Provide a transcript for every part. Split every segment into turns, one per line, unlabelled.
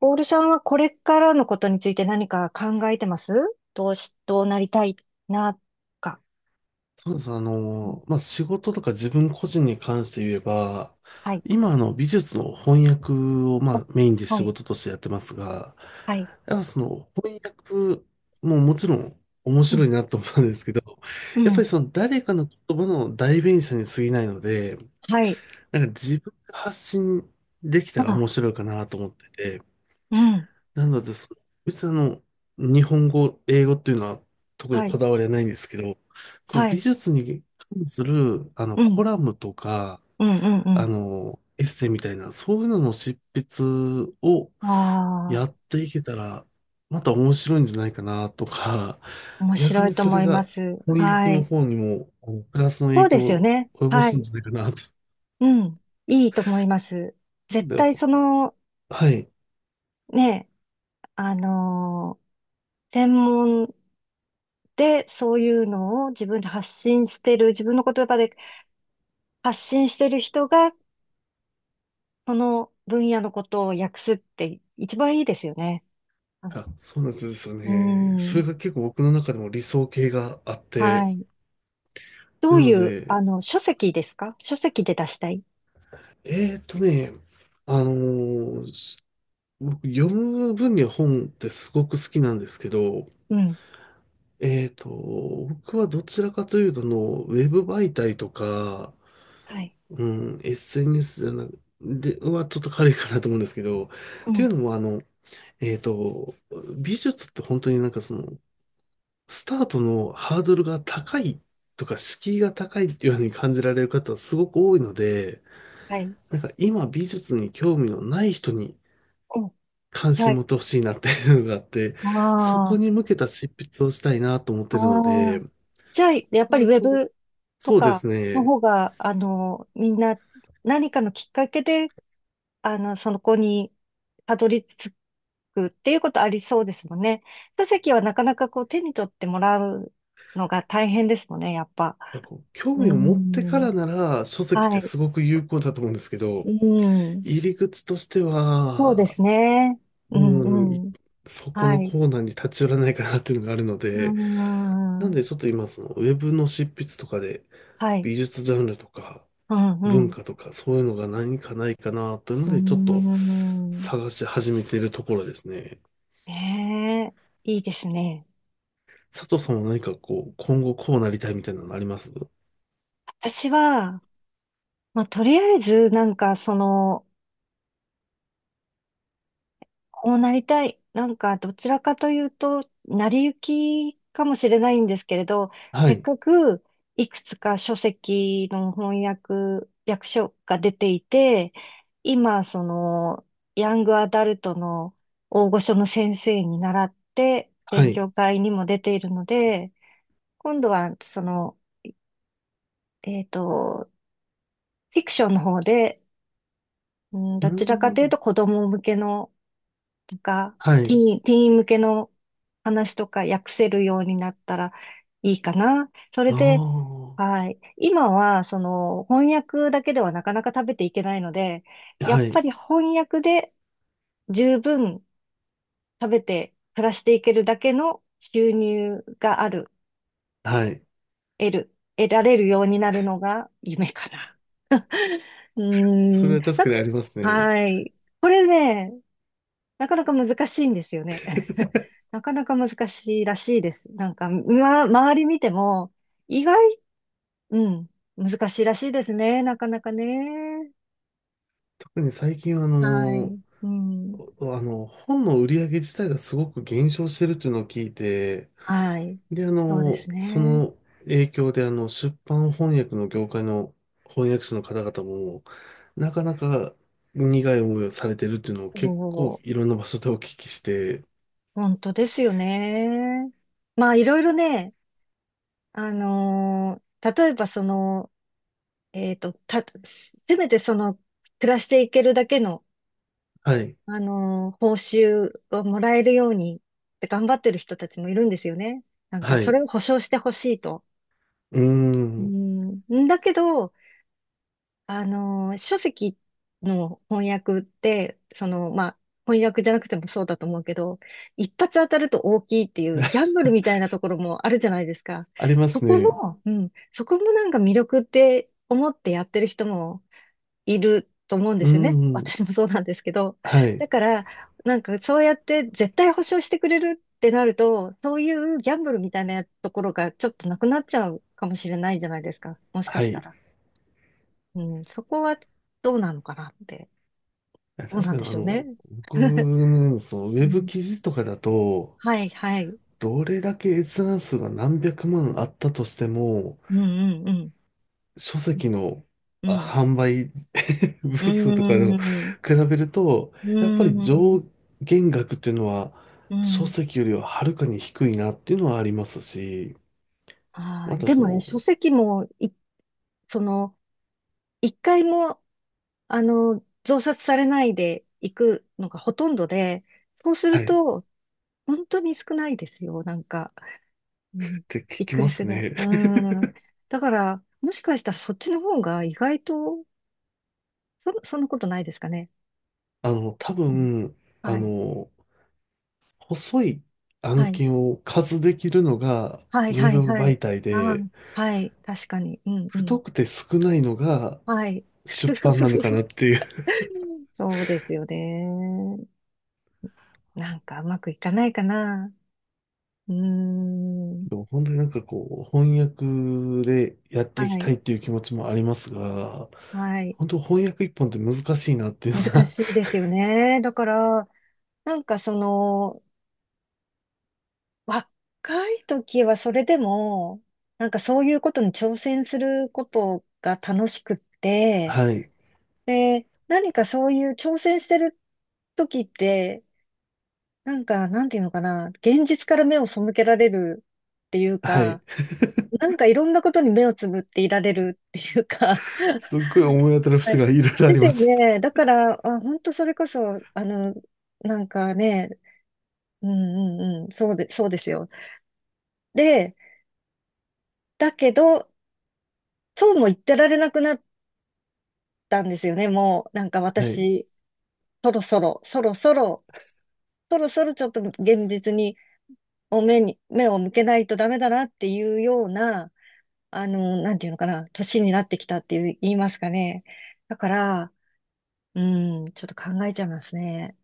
ボールさんはこれからのことについて何か考えてます。どうなりたいな、か。
そうです。
うん。
仕事とか自分個人に関して言えば、
はい。
今美術の翻訳を、ま
お、
あメインで
は
仕
い、
事としてやってますが、
はい。
やっぱその翻訳ももちろん面
うん、
白いなと思うんですけど、
う
やっぱ
ん、
りその誰かの言葉の代弁者に過ぎないので、
はい。
なんか自分で発信できたら
あ、
面白いかなと思ってて、
うん、
なので、別に日本語、英語っていうのは特に
はい、
こだわりはないんですけど、その
は
美
い。
術に関する、
う
コ
ん、
ラムとか、
うん、うん、う
エッセイみたいな、そういうのの執筆を
ん。
や
ああ、
っていけたら、また面白いんじゃないかなとか、
面
逆
白い
に
と
そ
思
れ
いま
が
す。
翻訳
は
の
い。
方にも、プラスの
そ
影
うで
響
すよ
を
ね。
及ぼ
は
すん
い。
じゃないかなと。
うん、いいと思います。
なん
絶
で
対
はい。
ね、あのー専門でそういうのを自分で発信してる、自分の言葉で発信してる人が、その分野のことを訳すって一番いいですよね。あ、
あ、そうなんですよ
う
ね。それ
ん。
が結構僕の中でも理想形があっ
は
て、
い。ど
な
うい
の
う、
で、
書籍ですか。書籍で出したい。
えーっとね、あのーす僕、読む分には本ってすごく好きなんですけど、
うん。
えーっと、僕はどちらかというとの、ウェブ媒体とか、
はい。
うん、SNS じゃなく、で、はちょっと軽いかなと思うんですけど、っ
う
ていう
ん。
のもえーっと、美術って本当になんかその、スタートのハードルが高いとか、敷居が高いっていうように感じられる方はすごく多いので、
はい。
なんか今美術に興味のない人に
うん。
関
は
心
い。
持ってほしいなっていうのがあって、
あ
そこ
あ。
に向けた執筆をしたいなと思っ
あ
てるので、
あ。じゃあ、やっ
な
ぱりウ
る
ェ
と、
ブと
そうで
か
す
の
ね。
方が、みんな何かのきっかけでそこにたどり着くっていうことありそうですもんね。書籍はなかなかこう手に取ってもらうのが大変ですもんね、やっぱ。
なんかこう興
うー
味を持ってか
ん。
らなら書籍っ
は
て
い。
すごく有効だと思うんですけ
う
ど、
ん。
入り口として
そうで
は、
すね。う
うん、
ん、
い
うん。
そこの
はい。
コーナーに立ち寄らないかなっていうのがあるの
うー
で、なん
ん。
でちょっと今そのウェブの執筆とかで
はい。
美術ジャンルとか
うん、う
文
ん。
化とかそういうのが何かないかなというの
う
で、ちょっと
ーん。
探し始めているところですね。
ねえ、いいですね。
佐藤さんは何かこう、今後こうなりたいみたいなのあります？
私は、まあ、とりあえず、なんか、その、こうなりたい。なんか、どちらかというと、成り行きかもしれないんですけれど、
は
せっ
い。
かくいくつか書籍の翻訳、訳書が出ていて、今、その、ヤングアダルトの大御所の先生に習って、
は
勉
い。
強会にも出ているので、今度は、その、えっと、フィクションの方で、うん、
うー
どちらかというと
ん。
子供向けのなんか、
は
ティ
い。
ーン、ティーン向けの話とか訳せるようになったらいいかな。それ
あ
で、
あ。
はい。今は、その、翻訳だけではなかなか食べていけないので、や
は
っぱ
い。
り翻訳で十分食べて暮らしていけるだけの収入がある、
はい。
得る、得られるようになるのが夢かな。うー
それ
ん、
は確
なん
かに
か、
ありますね。
はい。これね、なかなか難しいんですよね。なかなか難しいらしいです。なんか、ま、周り見ても、意外、うん、難しいらしいですね。なかなかね。
特に最近はあ
は
の、
い。うん。
おあの、本の売り上げ自体がすごく減少してるっていうのを聞いて、
はい。
で、
そうです
そ
ね。
の影響で、出版翻訳の業界の翻訳者の方々も、なかなか苦い思いをされてるっていうのを
そ
結構
う、
いろんな場所でお聞きして、
本当ですよね。まあ、いろいろね、例えばせめて暮らしていけるだけの
はい、
報酬をもらえるようにって頑張ってる人たちもいるんですよね。なんか、
は
そ
い、
れを保証してほしいと。
うー
う
ん、
ん、んだけど、書籍の翻訳って、まあ、翻訳じゃなくてもそうだと思うけど、一発当たると大きいっていうギャンブルみたいなところもあるじゃないですか。
ありま
そ
す
こ
ね。
も、うん、そこもなんか魅力って思ってやってる人もいると思うんで
うー
すよね。
ん、
私もそうなんですけど。
はい、
だから、なんかそうやって絶対保証してくれるってなると、そういうギャンブルみたいなところがちょっとなくなっちゃうかもしれないじゃないですか。もしか
は
した
い。
ら。うん、そこはどうなのかなって。どう
確
なん
かに、
でしょうね。
僕 の、そのウ
う
ェブ
ん、
記事とかだと、
はい、はい。
どれだけ閲覧数が何百万あったとしても、
うん、うん、うん。
書籍の
うん、
販売 部
うん、
数とかでも
うん、
比べると、
う
やっぱり
ん。
上限額っていうのは
う
書
ん。
籍よりははるかに低いなっていうのはありますし、
は
ま
い。
た
で
そ
もね、
の、
書籍もその、一回も増刷されないでいくのがほとんどで、そうす
は
る
い、っ
と、本当に少ないですよ、なんか。うん、
て聞
びっ
き
く
ま
りする
す
ぐらい。
ね。
うん。だから、もしかしたらそっちの方が意外と、そんなことないですかね。
多
うん、
分、あ
はい。
の、細い
は
案
い。
件を数できるのが
はい、
ウェ
はい、
ブ
はい。
媒体
あ
で、
あ、はい。確かに。うん、う
太
ん。
くて少ないのが
はい。ふ
出
ふ
版
ふ
なの
ふ
か
ふ。
なっていう。
そうですよね。なんかうまくいかないかな。うーん。
でも本当になんかこう、翻訳でやっていき
は
た
い。
いっていう気持ちもありますが、
はい。
本当翻訳一本って難しいなっていうの
難
が
しいですよね。だから、なんか若い時はそれでも、なんかそういうことに挑戦することが楽しくっ て、
はい、
で、何かそういう挑戦してる時って、なんか、なんていうのかな、現実から目を背けられるっていう
はい。
か、なんかいろんなことに目をつぶっていられるっていうか、
すっごい思い当 たる
は
節
い
がいろいろあ
で
り
す
ま
よ
す。
ね。だから、あ、本当それこそ、なんかね、うんうんうん、そうですよ。で、だけど、そうも言ってられなくなったんですよね、もう。なんか
はい。
私、そろそろ、そろそろ、そろそろちょっと現実に、お目に、目を向けないとダメだなっていうような、なんていうのかな、年になってきたっていう、言いますかね。だから、うん、ちょっと考えちゃいますね。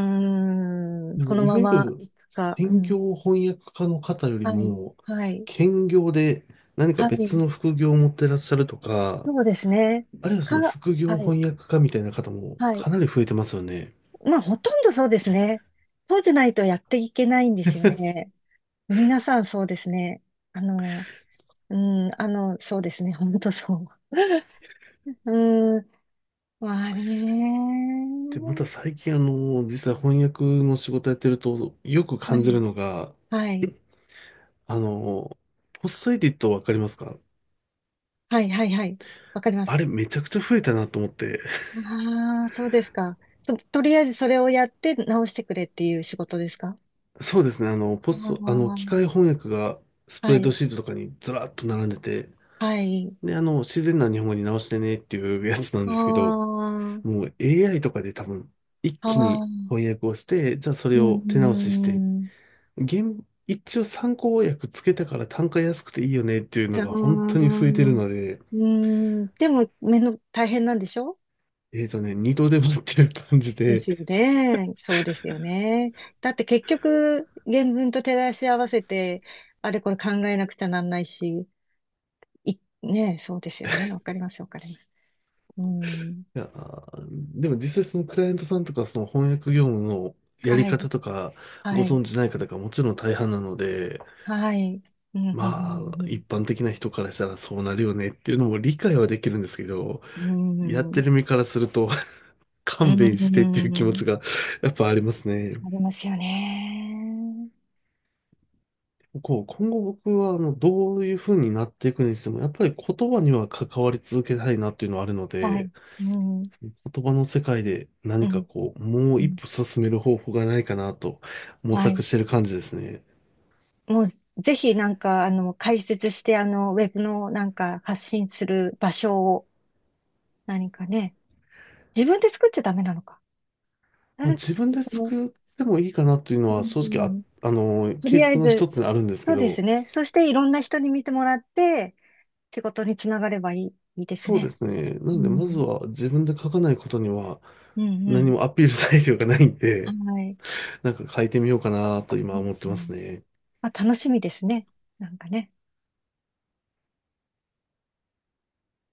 うん、
で
こ
も、
の
い
ま
わゆ
まい
る
くか、う
専
ん。
業翻訳家の方より
はい、
も、
はい、
兼業で何か
は
別
い、
の副業を持ってらっしゃるとか、
そうですね。
あるいはその
か、
副業
はい。
翻訳家みたいな方も
はい。
かなり増えてますよね。
まあ、ほとんどそうですね。そうじゃないとやっていけないんですよね。皆さんそうですね。あの、うん、そうですね。本当そう。うん、まあ
で、また
ね。
最近実は翻訳の仕事やってると、よく
は
感じる
い。
のが、
はい。
あの、ポストエディットわかりますか？
はい、はい、はい。わかりま
あ
す。
れめちゃくちゃ増えたなと思って。
ああ、そうですか。とりあえずそれをやって直してくれっていう仕事ですか。
そうですね、あの、ポスト、あの、機
ああ、
械翻訳がスプ
は
レッド
い、
シートとかにずらっと並んでて、
はい。
で、自然な日本語に直してねっていうやつなん
あ
ですけど、
あ、
もう AI とかで多分、一気
あ
に
あ、
翻訳をして、じゃあそ
う
れ
ん、
を手
う
直しして
ん、うん。
一応参考訳つけたから単価安くていいよねっていう
じ
の
ゃー
が本当に増えてる
ん。う
ので、
ーん。でも、目の大変なんでしょ。
えっとね、二度でもっていう感じ
で
で、
すよね。そうですよね。だって結局、原文と照らし合わせて、あれこれ考えなくちゃなんないし、ねえ、そうですよね。わかります、わかります。うん。
いやー、でも実際そのクライアントさんとかその翻訳業務のやり
はい、
方とかご
はい、
存知ない方がもちろん大半なので、
はい。うん、う
まあ、
ん、
一般的な人からしたらそうなるよねっていうのも理解はできるんですけど、
う
やっ
ん、う
て
ん。
る身からすると
う
勘
ん、う
弁してっていう
んう
気持ち
ん
がやっぱありますね。
ありますよね。
こう、今後僕は、どういう風になっていくにしても、やっぱり言葉には関わり続けたいなっていうのはあるの
はい、
で、
うん、
言葉の世界で
う
何か
ん、
こう、も
う
う一
ん。
歩進める方法がないかなと模
は
索
い。
してる感じですね。
もうぜひなんか、解説して、ウェブのなんか発信する場所を何かね、自分で作っちゃダメなのか。
まあ、
誰、
自分で
その、
作ってもいいかなというの
う
は正直あ、
ん、
あの、
と
計
りあえ
画の
ず、
一つにあるんですけ
そうです
ど、
ね。そしていろんな人に見てもらって、仕事につながればいい、いいです
そうで
ね。
すね。な
う
ので、まず
ん。
は自分で書かないことには
うんう
何
ん。
もアピール材料がないん
は
で、
い。
なんか書いてみようかなと今
うん
思っ
う
てます
ん、
ね。
まあ、楽しみですね。なんかね。